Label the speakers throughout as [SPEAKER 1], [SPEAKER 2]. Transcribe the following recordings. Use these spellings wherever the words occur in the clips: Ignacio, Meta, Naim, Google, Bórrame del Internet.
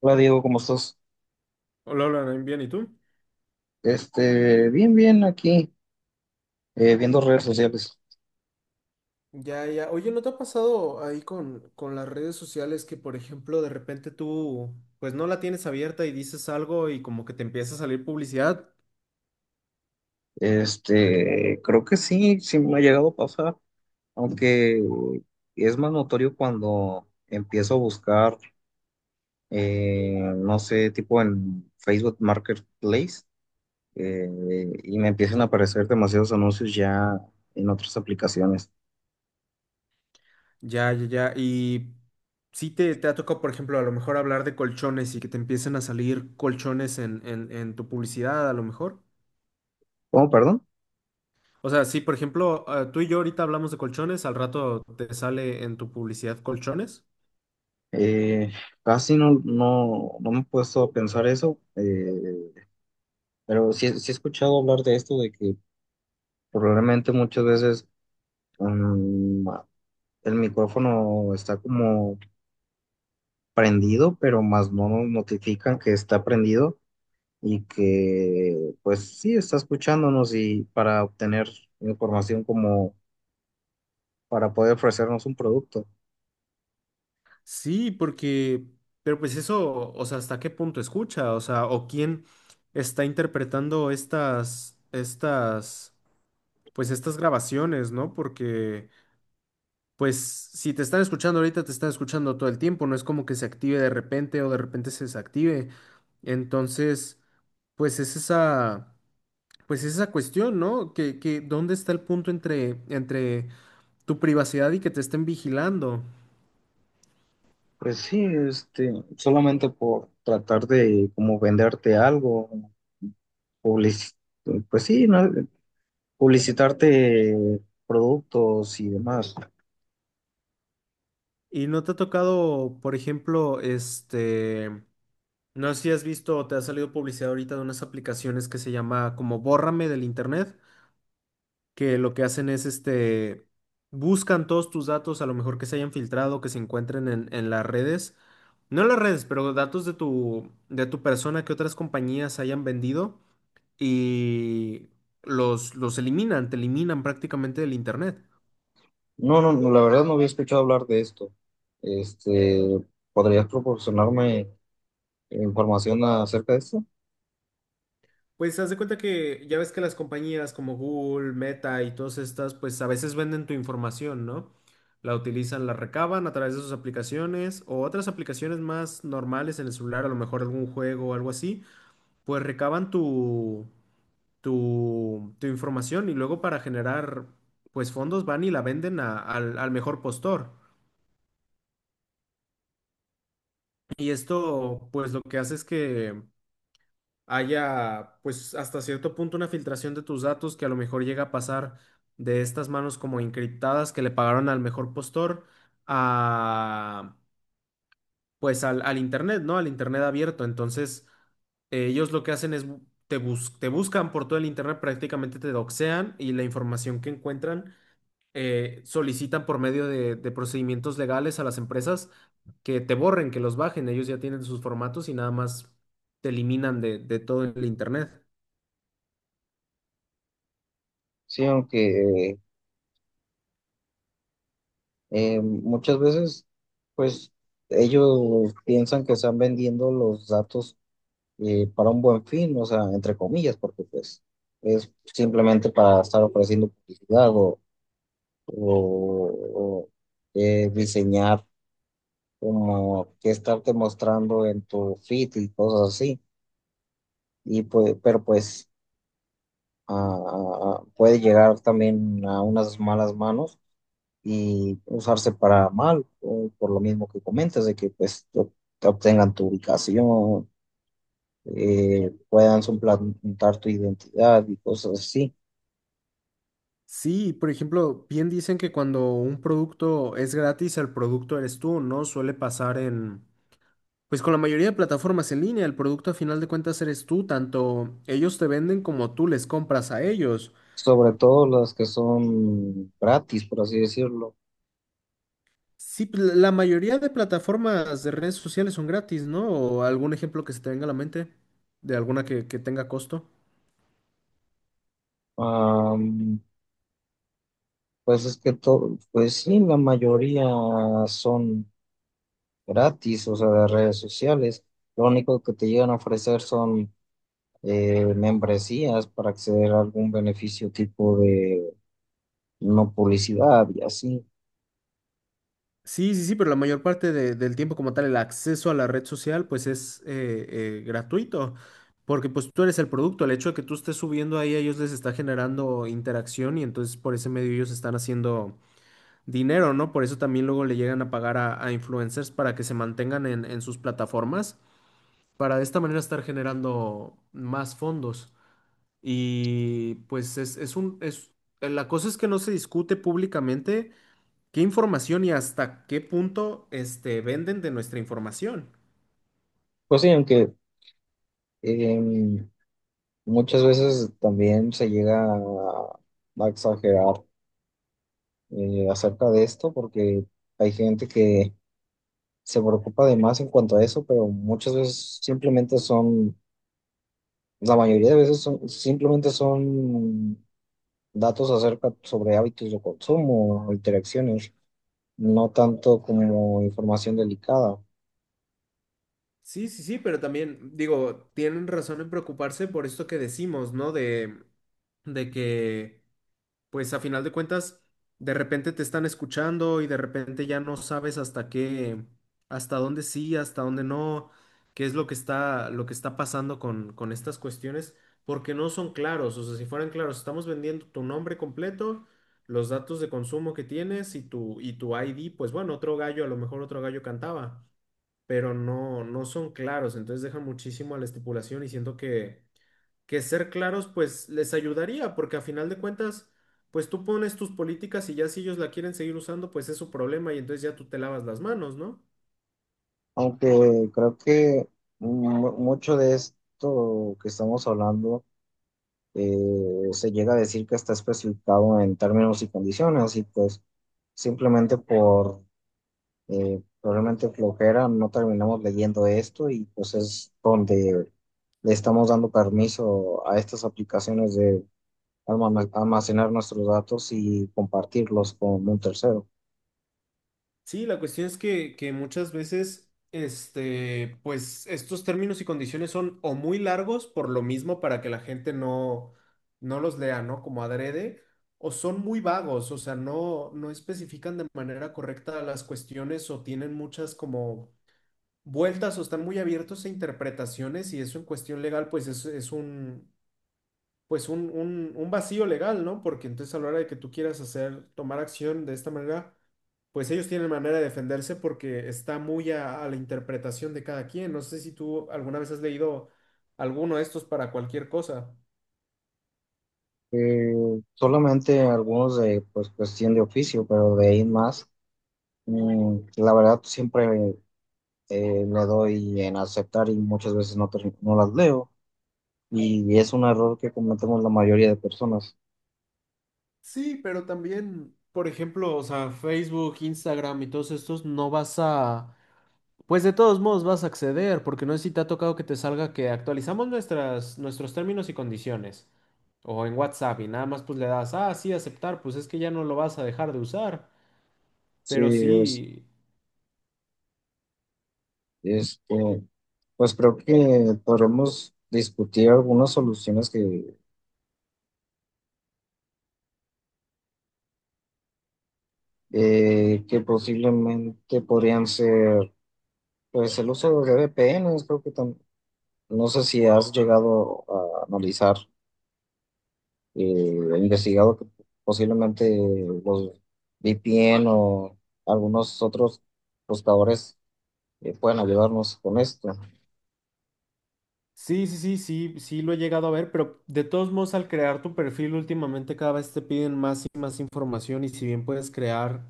[SPEAKER 1] Hola Diego, ¿cómo estás?
[SPEAKER 2] Hola, hola, Naim, bien, ¿y tú?
[SPEAKER 1] Bien, bien aquí, viendo redes sociales.
[SPEAKER 2] Ya, ya. Oye, ¿no te ha pasado ahí con las redes sociales que, por ejemplo, de repente tú, pues no la tienes abierta y dices algo y como que te empieza a salir publicidad?
[SPEAKER 1] Creo que sí, sí me ha llegado a pasar, aunque es más notorio cuando empiezo a buscar, no sé, tipo en Facebook Marketplace, eh, y me empiezan a aparecer demasiados anuncios ya en otras aplicaciones.
[SPEAKER 2] Ya, ya, ya. Y sí te ha tocado, por ejemplo, a lo mejor hablar de colchones y que te empiecen a salir colchones en tu publicidad, a lo mejor.
[SPEAKER 1] ¿Cómo, perdón?
[SPEAKER 2] O sea, sí, por ejemplo, tú y yo ahorita hablamos de colchones, al rato te sale en tu publicidad colchones.
[SPEAKER 1] Eh, casi no, no, no me he puesto a pensar eso. Pero sí, sí he escuchado hablar de esto, de que probablemente muchas veces mm, el micrófono está como prendido, pero más no nos notifican que está prendido y que pues sí está escuchándonos y para obtener información como para poder ofrecernos un producto.
[SPEAKER 2] Sí, porque, pero pues eso, o sea, ¿hasta qué punto escucha? O sea, ¿o quién está interpretando estas, pues estas grabaciones, ¿no? Porque, pues, si te están escuchando ahorita, te están escuchando todo el tiempo, no es como que se active de repente o de repente se desactive. Entonces, pues es esa, pues es esa cuestión, ¿no? ¿Dónde está el punto entre tu privacidad y que te estén vigilando?
[SPEAKER 1] Pues sí, este, solamente por tratar de como venderte algo, publici- pues sí, ¿no? Publicitarte productos y demás.
[SPEAKER 2] ¿Y no te ha tocado, por ejemplo, no sé si has visto o te ha salido publicidad ahorita de unas aplicaciones que se llama como Bórrame del Internet, que lo que hacen es, buscan todos tus datos, a lo mejor que se hayan filtrado, que se encuentren en las redes, no en las redes, pero datos de tu persona que otras compañías hayan vendido y los eliminan, te eliminan prácticamente del Internet.
[SPEAKER 1] No, no, no, la verdad no había escuchado hablar de esto. Este, ¿podrías proporcionarme información acerca de esto?
[SPEAKER 2] Pues haz de cuenta que ya ves que las compañías como Google, Meta y todas estas, pues a veces venden tu información, ¿no? La utilizan, la recaban a través de sus aplicaciones o otras aplicaciones más normales en el celular, a lo mejor algún juego o algo así, pues recaban tu información y luego para generar, pues fondos van y la venden al mejor postor. Y esto, pues lo que hace es que haya, pues hasta cierto punto una filtración de tus datos que a lo mejor llega a pasar de estas manos como encriptadas que le pagaron al mejor postor a, pues al internet, ¿no? Al internet abierto. Entonces, ellos lo que hacen es te buscan por todo el internet, prácticamente te doxean y la información que encuentran solicitan por medio de procedimientos legales a las empresas que te borren, que los bajen. Ellos ya tienen sus formatos y nada más te eliminan de todo el internet.
[SPEAKER 1] Sí, aunque muchas veces, pues, ellos piensan que están vendiendo los datos, para un buen fin, o sea, entre comillas, porque pues es simplemente para estar ofreciendo publicidad o diseñar como que estarte mostrando en tu feed y cosas así. Y pues, pero pues puede llegar también a unas malas manos y usarse para mal, o por lo mismo que comentas, de que pues te obtengan tu ubicación, puedan suplantar tu identidad y cosas así,
[SPEAKER 2] Sí, por ejemplo, bien dicen que cuando un producto es gratis, el producto eres tú, ¿no? Suele pasar en, pues con la mayoría de plataformas en línea, el producto a final de cuentas eres tú, tanto ellos te venden como tú les compras a ellos.
[SPEAKER 1] sobre todo las que son gratis, por así decirlo.
[SPEAKER 2] Sí, pues, la mayoría de plataformas de redes sociales son gratis, ¿no? ¿O algún ejemplo que se te venga a la mente de alguna que tenga costo?
[SPEAKER 1] Am, pues es que todo, pues sí, la mayoría son gratis, o sea, de redes sociales. Lo único que te llegan a ofrecer son membresías para acceder a algún beneficio tipo de no publicidad y así.
[SPEAKER 2] Sí, sí, sí, pero la mayor parte del tiempo como tal, el acceso a la red social, pues es gratuito, porque pues tú eres el producto, el hecho de que tú estés subiendo ahí a ellos les está generando interacción y entonces por ese medio ellos están haciendo dinero, ¿no? Por eso también luego le llegan a pagar a influencers para que se mantengan en sus plataformas, para de esta manera estar generando más fondos. Y la cosa es que no se discute públicamente. ¿Qué información y hasta qué punto venden de nuestra información?
[SPEAKER 1] Pues sí, aunque em, muchas veces también se llega a exagerar acerca de esto porque hay gente que se preocupa de más en cuanto a eso, pero muchas veces simplemente son, la mayoría de veces son, simplemente son datos acerca sobre hábitos de consumo, o interacciones, no tanto como información delicada.
[SPEAKER 2] Sí, sí, sí, pero también digo, tienen razón en preocuparse por esto que decimos, ¿no? De que... pues a final de cuentas, de repente te están escuchando y de repente ya no sabes hasta dónde sí, hasta dónde no, qué es lo que está pasando con estas cuestiones, porque no son claros. O sea, si fueran claros, estamos vendiendo tu nombre completo, los datos de consumo que tienes y tu ID, pues bueno, otro gallo, a lo mejor otro gallo cantaba, pero no, no son claros, entonces dejan muchísimo a la estipulación y siento que ser claros pues les ayudaría, porque a final de cuentas, pues tú pones tus políticas y ya si ellos la quieren seguir usando, pues es su problema y entonces ya tú te lavas las manos, ¿no?
[SPEAKER 1] Aunque creo que mucho de esto que estamos hablando se llega a decir que está especificado en términos y condiciones y pues simplemente por probablemente flojera no terminamos leyendo esto y pues es donde le estamos dando permiso a estas aplicaciones de almacenar nuestros datos y compartirlos con un tercero.
[SPEAKER 2] Sí, la cuestión es que muchas veces, pues estos términos y condiciones son o muy largos por lo mismo para que la gente no, no los lea, ¿no? Como adrede, o son muy vagos, o sea, no, no especifican de manera correcta las cuestiones o tienen muchas como vueltas o están muy abiertos a interpretaciones y eso en cuestión legal pues pues un vacío legal, ¿no? Porque entonces a la hora de que tú quieras hacer, tomar acción de esta manera, pues ellos tienen manera de defenderse porque está muy a la interpretación de cada quien. No sé si tú alguna vez has leído alguno de estos para cualquier cosa.
[SPEAKER 1] Eh, solamente algunos de pues cuestión de oficio, pero de ahí en más. Mm, la verdad, siempre le doy en aceptar y muchas veces no, no las leo. Y es un error que cometemos la mayoría de personas.
[SPEAKER 2] Sí, pero también, por ejemplo, o sea, Facebook, Instagram y todos estos, no vas a. Pues de todos modos vas a acceder, porque no sé si te ha tocado que te salga que actualizamos nuestros términos y condiciones. O en WhatsApp y nada más pues le das, ah, sí, aceptar, pues es que ya no lo vas a dejar de usar.
[SPEAKER 1] Sí,
[SPEAKER 2] Pero
[SPEAKER 1] es,
[SPEAKER 2] sí.
[SPEAKER 1] este, pues creo que podremos discutir algunas soluciones que posiblemente podrían ser, pues el uso de VPNs, creo que no sé si has llegado a analizar. He investigado que posiblemente los VPN o algunos otros buscadores pueden ayudarnos con esto.
[SPEAKER 2] Sí, lo he llegado a ver, pero de todos modos al crear tu perfil últimamente cada vez te piden más y más información y si bien puedes crear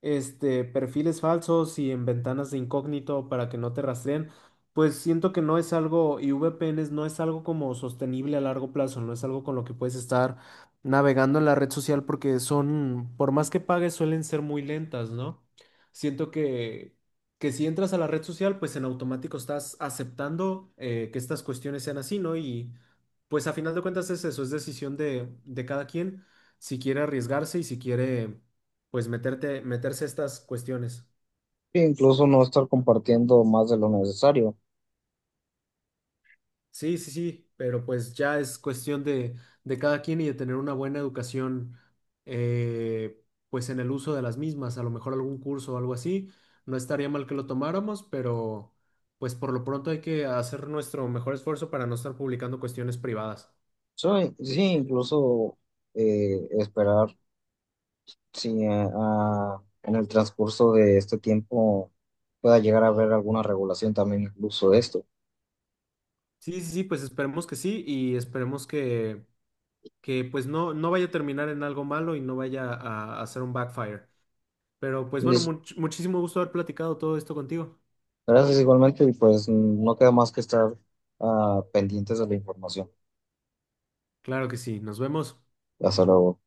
[SPEAKER 2] perfiles falsos y en ventanas de incógnito para que no te rastreen, pues siento que no es algo y VPNs no es algo como sostenible a largo plazo, no es algo con lo que puedes estar navegando en la red social porque son, por más que pagues, suelen ser muy lentas, ¿no? Siento que si entras a la red social, pues en automático estás aceptando que estas cuestiones sean así, ¿no? Y pues a final de cuentas es eso, es decisión de cada quien si quiere arriesgarse y si quiere, pues meterse a estas cuestiones.
[SPEAKER 1] E incluso no estar compartiendo más de lo necesario.
[SPEAKER 2] Sí, sí, sí, pero pues ya es cuestión de cada quien y de tener una buena educación, eh, pues en el uso de las mismas, a lo mejor algún curso o algo así, no estaría mal que lo tomáramos, pero pues por lo pronto hay que hacer nuestro mejor esfuerzo para no estar publicando cuestiones privadas.
[SPEAKER 1] So, sí, incluso esperar si en el transcurso de este tiempo pueda llegar a haber alguna regulación también incluso de esto.
[SPEAKER 2] Sí, sí, sí, pues esperemos que sí y esperemos que pues no, no vaya a terminar en algo malo y no vaya a hacer un backfire. Pero pues
[SPEAKER 1] Y
[SPEAKER 2] bueno, muchísimo gusto haber platicado todo esto contigo.
[SPEAKER 1] gracias igualmente y pues no queda más que estar pendientes de la información.
[SPEAKER 2] Claro que sí, nos vemos.
[SPEAKER 1] Hasta luego.